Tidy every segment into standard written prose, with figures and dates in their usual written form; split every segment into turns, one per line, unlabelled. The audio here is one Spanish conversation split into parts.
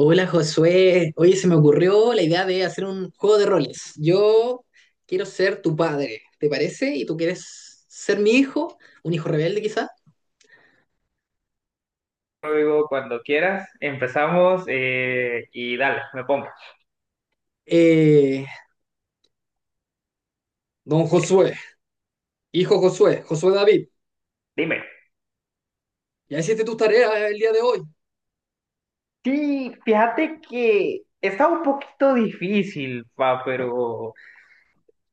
Hola Josué, oye, se me ocurrió la idea de hacer un juego de roles. Yo quiero ser tu padre, ¿te parece? Y tú quieres ser mi hijo, un hijo rebelde quizá.
Luego, cuando quieras, empezamos y dale, me pongo.
Eh, don Josué, hijo Josué, Josué David,
Dime.
ya hiciste tus tareas el día de hoy.
Sí, fíjate que está un poquito difícil, pa, pero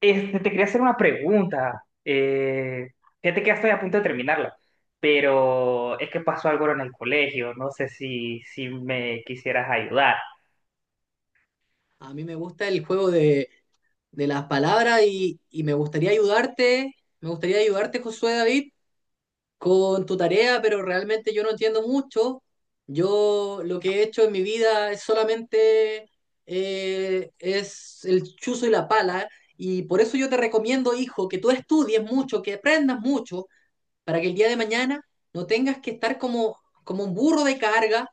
este, te quería hacer una pregunta. Fíjate que ya estoy a punto de terminarla, pero es que pasó algo en el colegio. No sé si me quisieras ayudar.
A mí me gusta el juego de las palabras y me gustaría ayudarte Josué David con tu tarea, pero realmente yo no entiendo mucho. Yo lo que he hecho en mi vida es solamente es el chuzo y la pala, y por eso yo te recomiendo, hijo, que tú estudies mucho, que aprendas mucho, para que el día de mañana no tengas que estar como, como un burro de carga,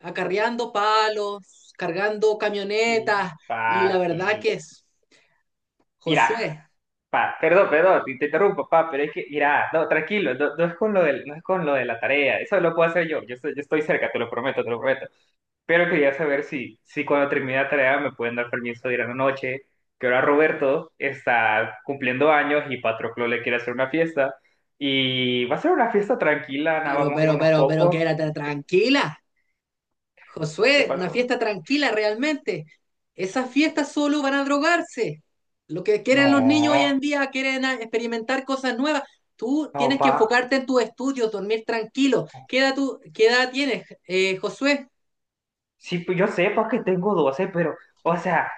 acarreando palos, cargando
Sí,
camionetas, y
pa,
la verdad
sí.
que es,
Mira,
Josué,
pa, perdón, perdón, te interrumpo, pa, pero es que, mira, no, tranquilo, no, no es con no es con lo de la tarea, eso lo puedo hacer yo, yo estoy cerca, te lo prometo, te lo prometo. Pero quería saber si cuando termine la tarea me pueden dar permiso de ir a la noche, que ahora Roberto está cumpliendo años y Patroclo le quiere hacer una fiesta, y va a ser una fiesta tranquila, nada,
pero,
vamos a ir
pero,
unos
pero, pero,
pocos.
quédate tranquila.
¿Qué
Josué, una
pasó?
fiesta tranquila realmente. Esas fiestas solo van a drogarse. Lo que quieren los niños hoy
No,
en día, quieren experimentar cosas nuevas. Tú
no,
tienes que
pa.
enfocarte en tus estudios, dormir tranquilo. ¿Qué edad tienes, Josué?
Sí, pues yo sé porque tengo 12 pero, o sea,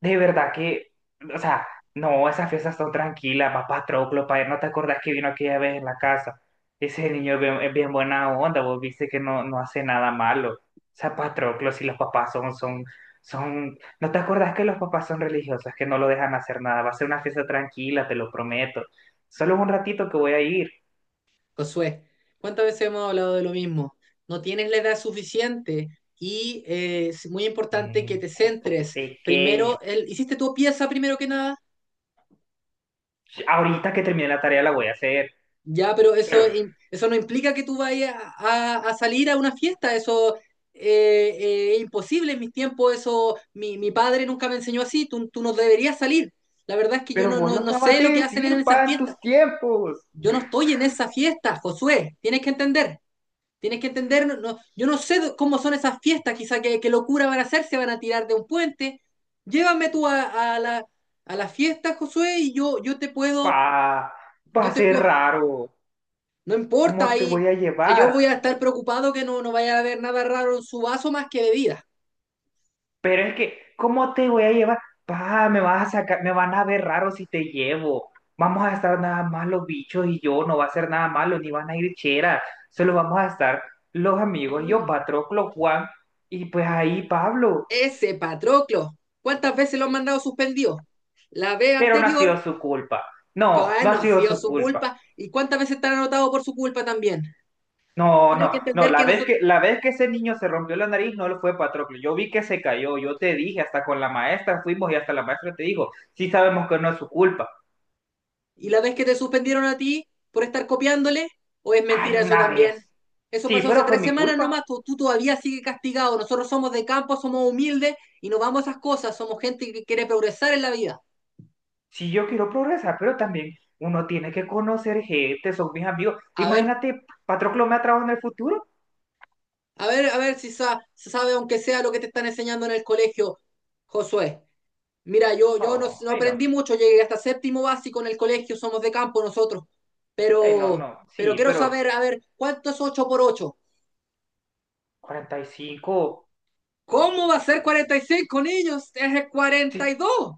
de verdad que, o sea, no, esas fiestas son tranquilas, papá Troclo para, ¿no te acordás que vino aquella vez en la casa? Ese niño es bien buena onda, vos viste que no, no hace nada malo. O sea, Patroclo, si los papás son, ¿no te acordás que los papás son religiosos, que no lo dejan hacer nada? Va a ser una fiesta tranquila, te lo prometo. Solo es un ratito que voy a ir.
Josué, ¿cuántas veces hemos hablado de lo mismo? No tienes la edad suficiente y es muy importante que
Mm,
te
qué gesto
centres.
pequeño.
Primero, hiciste tu pieza primero que nada.
Ahorita que termine la tarea la voy a hacer,
Ya, pero eso,
pero...
eso no implica que tú vayas a salir a una fiesta, eso es imposible en mis tiempos, eso mi padre nunca me enseñó así, tú no deberías salir. La verdad es que yo
Pero
no,
vos
no,
lo
no
acabas
sé
de
lo que hacen en
decir,
esas
pa, en
fiestas.
tus tiempos.
Yo no estoy en esa fiesta, Josué, tienes que entender, no, yo no sé cómo son esas fiestas, quizá qué locura van a hacer, se van a tirar de un puente. Llévame tú a, a la fiesta, Josué, y yo, yo te
Pa,
puedo,
va
yo
a
te
ser
puedo...
raro.
No importa,
¿Cómo te
ahí
voy a
yo
llevar?
voy a estar preocupado que no, no vaya a haber nada raro en su vaso más que bebida.
Pero es que, ¿cómo te voy a llevar? Pa, me vas a sacar, me van a ver raro si te llevo. Vamos a estar nada más los bichos y yo, no va a ser nada malo, ni van a ir cheras. Solo vamos a estar los amigos, yo, Patroclo, Juan y pues ahí Pablo.
Ese Patroclo, ¿cuántas veces lo han mandado suspendido? La vez
Pero no ha
anterior,
sido su culpa. No, no
no
ha
ha
sido
sido
su
su
culpa.
culpa. ¿Y cuántas veces te han anotado por su culpa también?
No,
Tienes que
no, no,
entender que nosotros...
la vez que ese niño se rompió la nariz no lo fue Patroclo, yo vi que se cayó, yo te dije, hasta con la maestra fuimos y hasta la maestra te dijo, sí sabemos que no es su culpa.
¿Y la vez que te suspendieron a ti por estar copiándole? ¿O es
Ay,
mentira eso
una vez.
también? Eso
Sí,
pasó hace
pero fue
tres
mi
semanas
culpa.
nomás, tú todavía sigues castigado. Nosotros somos de campo, somos humildes y no vamos a esas cosas. Somos gente que quiere progresar en la vida.
Sí, yo quiero progresar, pero también uno tiene que conocer gente, son mis amigos.
A ver,
Imagínate, Patroclo me ha trabajado en el futuro.
a ver, a ver si se sabe, aunque sea lo que te están enseñando en el colegio, Josué. Mira, yo no,
No,
no
hey, no,
aprendí mucho, llegué hasta séptimo básico en el colegio, somos de campo nosotros.
hey, no,
Pero,
no.
pero,
Sí,
quiero
pero
saber, a ver, ¿cuánto es 8 por 8?
45.
¿Cómo va a ser 45 niños? Es el cuarenta
Sí,
y dos.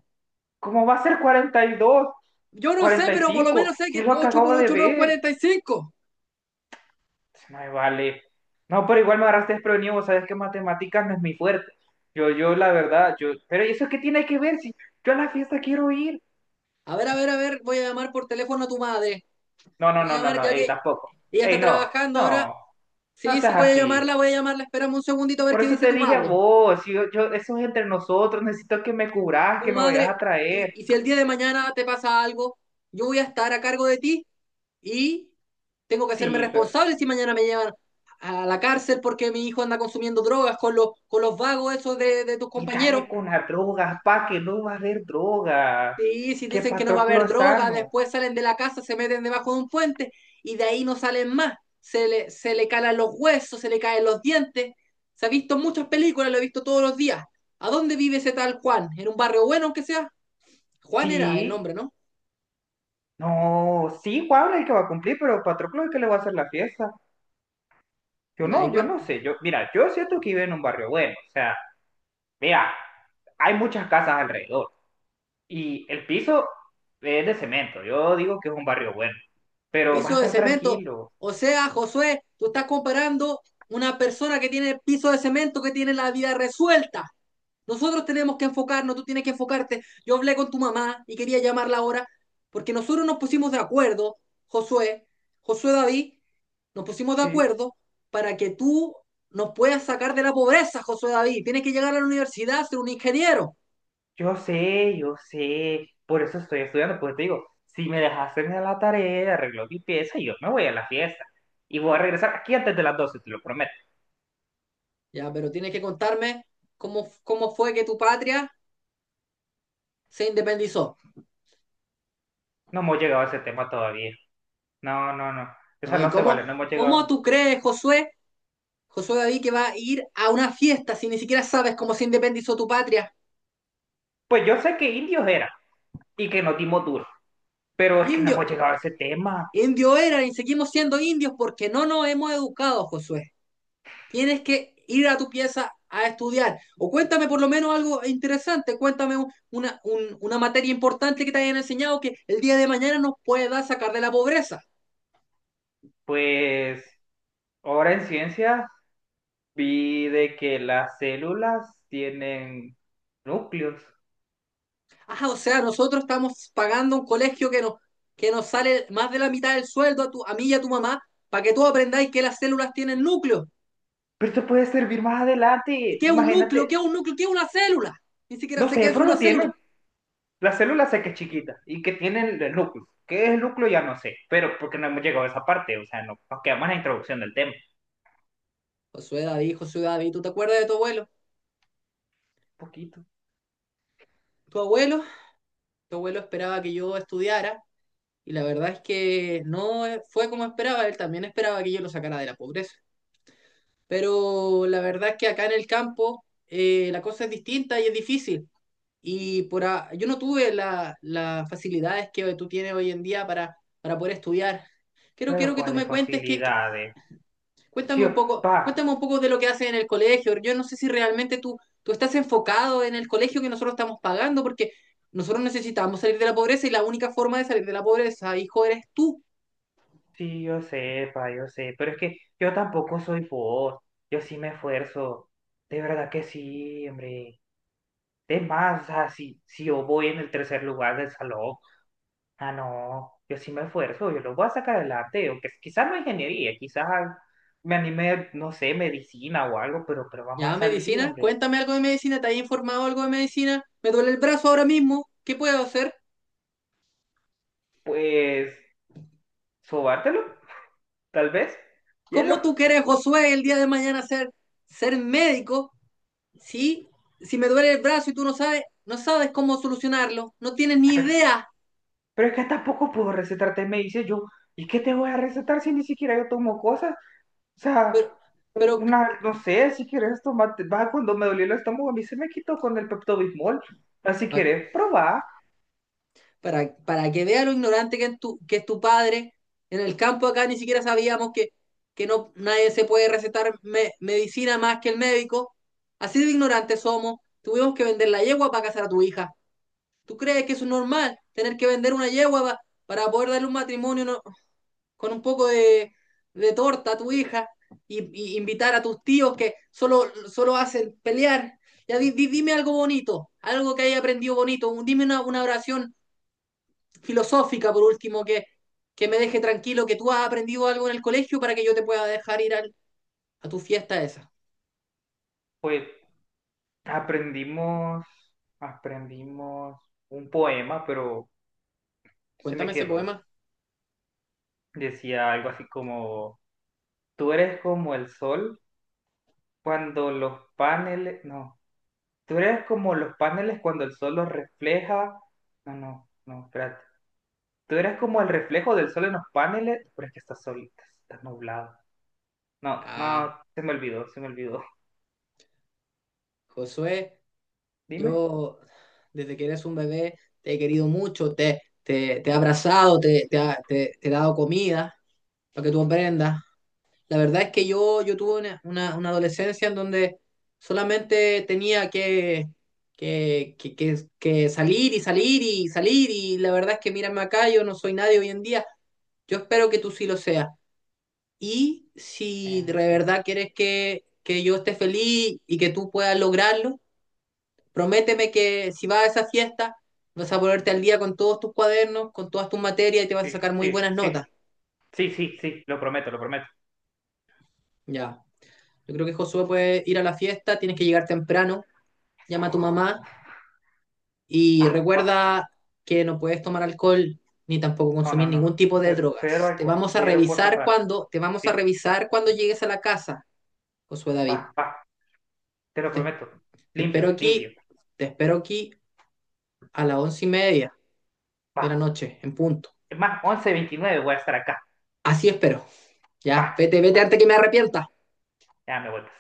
¿cómo va a ser
Yo no sé,
42?
pero por lo menos
45,
sé
si
que
es lo que
8 por
acabo de
8 no es
ver.
45.
No me vale. No, pero igual me agarraste desprevenido, vos sabés que matemáticas no es mi fuerte. La verdad, yo, pero ¿eso qué tiene que ver si yo a la fiesta quiero ir?
A ver, a ver, a ver, voy a llamar por teléfono a tu madre.
No, no,
Voy a
no, no,
llamar
no,
ya
ey,
que
tampoco.
ella está
Ey, no,
trabajando ahora.
no, no
Sí, sí,
seas
voy a
así.
llamarla, voy a llamarla. Espérame un segundito a ver
Por
qué
eso
dice
te
tu
dije a
madre.
vos, eso es entre nosotros, necesito que me cubras,
Tu
que me vayas a
madre, y,
traer.
y si el día de mañana te pasa algo, yo voy a estar a cargo de ti y tengo que hacerme
Sí, pero,
responsable si mañana me llevan a la cárcel porque mi hijo anda consumiendo drogas con con los vagos esos de tus
y
compañeros.
dale con las drogas, pa, que no va a haber drogas.
Sí, si
Que
dicen que no va a
Patroclo
haber
es
droga,
sano.
después salen de la casa, se meten debajo de un puente y de ahí no salen más. Se le calan los huesos, se le caen los dientes. Se ha visto en muchas películas, lo he visto todos los días. ¿A dónde vive ese tal Juan? ¿En un barrio bueno, aunque sea? Juan era el
Sí,
nombre, ¿no?
no, sí, Pablo es el que va a cumplir, pero Patroclo es el que le va a hacer la fiesta.
Ya,
Yo
igual.
no sé. Yo, mira, yo siento que vive en un barrio bueno. O sea, mira, hay muchas casas alrededor. Y el piso es de cemento. Yo digo que es un barrio bueno. Pero va a
Piso de
estar
cemento.
tranquilo.
O sea, Josué, tú, estás comparando una persona que tiene piso de cemento que tiene la vida resuelta. Nosotros tenemos que enfocarnos, tú tienes que enfocarte. Yo hablé con tu mamá y quería llamarla ahora porque nosotros nos pusimos de acuerdo, Josué, Josué David, nos pusimos de
Sí.
acuerdo para que tú nos puedas sacar de la pobreza, Josué David. Tienes que llegar a la universidad, ser un ingeniero.
Yo sé, yo sé. Por eso estoy estudiando. Porque te digo, si me dejas hacerme la tarea arreglo mi pieza, yo me voy a la fiesta. Y voy a regresar aquí antes de las 12, te lo prometo.
Ya, pero tienes que contarme cómo, cómo, fue que tu patria se independizó.
No hemos llegado a ese tema todavía. No, no, no. Esa
¿No? ¿Y
no se vale,
cómo,
no hemos
cómo
llegado.
tú crees, Josué, Josué David, que va a ir a una fiesta si ni siquiera sabes cómo se independizó tu patria?
Pues yo sé que indios era y que nos dimos duro, pero es que no
Indio,
hemos llegado a ese tema.
Indio era y seguimos siendo indios porque no nos hemos educado, Josué. Tienes que ir a tu pieza a estudiar. O cuéntame por lo menos algo interesante, cuéntame una materia importante que te hayan enseñado que el día de mañana nos pueda sacar de la pobreza.
Pues ahora en ciencias vi de que las células tienen núcleos.
Ah, o sea, nosotros estamos pagando un colegio que nos sale más de la mitad del sueldo a mí y a tu mamá para que tú aprendáis que las células tienen núcleo.
Pero esto puede servir más
¿Y
adelante,
qué es un núcleo?
imagínate.
¿Qué es un núcleo? ¿Qué es una célula? Ni siquiera
No
sé qué
sé,
es
pero
una
lo
célula.
tienen. Las células sé que es chiquita y que tienen el núcleo. ¿Qué es el núcleo? Ya no sé, pero porque no hemos llegado a esa parte, o sea, no, nos quedamos en la introducción del tema.
Josué David, Josué David, ¿tú te acuerdas de tu abuelo?
Un poquito.
Tu abuelo, tu abuelo esperaba que yo estudiara y la verdad es que no fue como esperaba, él también esperaba que yo lo sacara de la pobreza. Pero la verdad es que acá en el campo la cosa es distinta y es difícil. Y por yo no tuve las facilidades que tú tienes hoy en día para, poder estudiar. Quiero,
Pero
quiero que tú
¿cuáles
me cuentes qué,
facilidades?
cuéntame
Chio,
un poco,
pa,
cuéntame un poco de lo que haces en el colegio. Yo no sé si realmente tú estás enfocado en el colegio que nosotros estamos pagando, porque nosotros necesitamos salir de la pobreza y la única forma de salir de la pobreza, hijo, eres tú.
sí, yo sé, pa, yo sé, pero es que yo tampoco soy vos, yo sí me esfuerzo, de verdad que sí, hombre. Es más, o sea, si yo voy en el tercer lugar del salón, ah, no, yo sí me esfuerzo, yo lo voy a sacar adelante, o que quizás no ingeniería, quizás me anime, no sé, medicina o algo, pero vamos a
Ya,
salir,
medicina,
hombre.
cuéntame algo de medicina, ¿te has informado algo de medicina? Me duele el brazo ahora mismo, ¿qué puedo hacer?
Pues, sobártelo, tal vez, hielo.
¿Cómo tú quieres, Josué, el día de mañana ser, ser médico, Sí, si me duele el brazo y tú no sabes, no sabes cómo solucionarlo? No tienes
Ah,
ni
Pero,
idea,
pero es que tampoco puedo recetarte medicina, yo, ¿y qué te voy a recetar si ni siquiera yo tomo cosas? O sea,
pero, pero
una, no sé, si quieres tomate, va, cuando me dolió el estómago, a mí se me quitó con el Pepto-Bismol. Ah, si quieres probar,
para que vea lo ignorante que es tu padre. En el campo acá ni siquiera sabíamos que no, nadie se puede recetar medicina más que el médico. Así de ignorantes somos. Tuvimos que vender la yegua para casar a tu hija. ¿Tú crees que eso es normal? Tener que vender una yegua para poder darle un matrimonio con un poco de torta a tu hija y, y invitar a tus tíos que solo, solo hacen pelear. Ya dime algo bonito, algo que haya aprendido bonito. Dime una oración filosófica, por último, que me deje tranquilo, que tú has aprendido algo en el colegio para que yo te pueda dejar ir a tu fiesta esa.
pues aprendimos, aprendimos un poema, pero se me
Cuéntame ese
quedó.
poema.
Decía algo así como, tú eres como el sol cuando los paneles, no, tú eres como los paneles cuando el sol los refleja. No, no, no, espérate. Tú eres como el reflejo del sol en los paneles, pero es que está solita, está nublado. No, no,
Ah,
se me olvidó, se me olvidó.
Josué,
Dime.
yo desde que eres un bebé te he querido mucho, te he abrazado, te he dado comida para que tú aprendas. La verdad es que yo tuve una adolescencia en donde solamente tenía que salir y salir y salir y la verdad es que mírame acá, yo no soy nadie hoy en día. Yo espero que tú sí lo seas. Y si de
Bueno, pues,
verdad quieres que, yo esté feliz y que tú puedas lograrlo, prométeme que si vas a esa fiesta vas a ponerte al día con todos tus cuadernos, con todas tus materias y te vas a
sí,
sacar muy
sí,
buenas
sí.
notas.
Sí, sí, sí, lo prometo, lo prometo.
Ya. Yo creo que Josué puede ir a la fiesta, tienes que llegar temprano,
Eso,
llama a tu mamá y
va, va.
recuerda que no puedes tomar alcohol ni tampoco
No, no,
consumir
no.
ningún tipo de
Cero
drogas. Te
alcohol,
vamos a
cero cosas
revisar
raras.
cuando, te vamos a
Sí,
revisar cuando
sí,
llegues a la casa, Josué
va,
David.
va. Te lo
Te,
prometo.
te,
Limpio,
espero
limpio.
aquí, te espero aquí a las 11:30
Va.
de la noche, en punto.
Es más, once veintinueve voy a estar acá.
Así espero.
Va,
Ya, vete, vete
va.
antes que me arrepienta.
Ya me vueltas.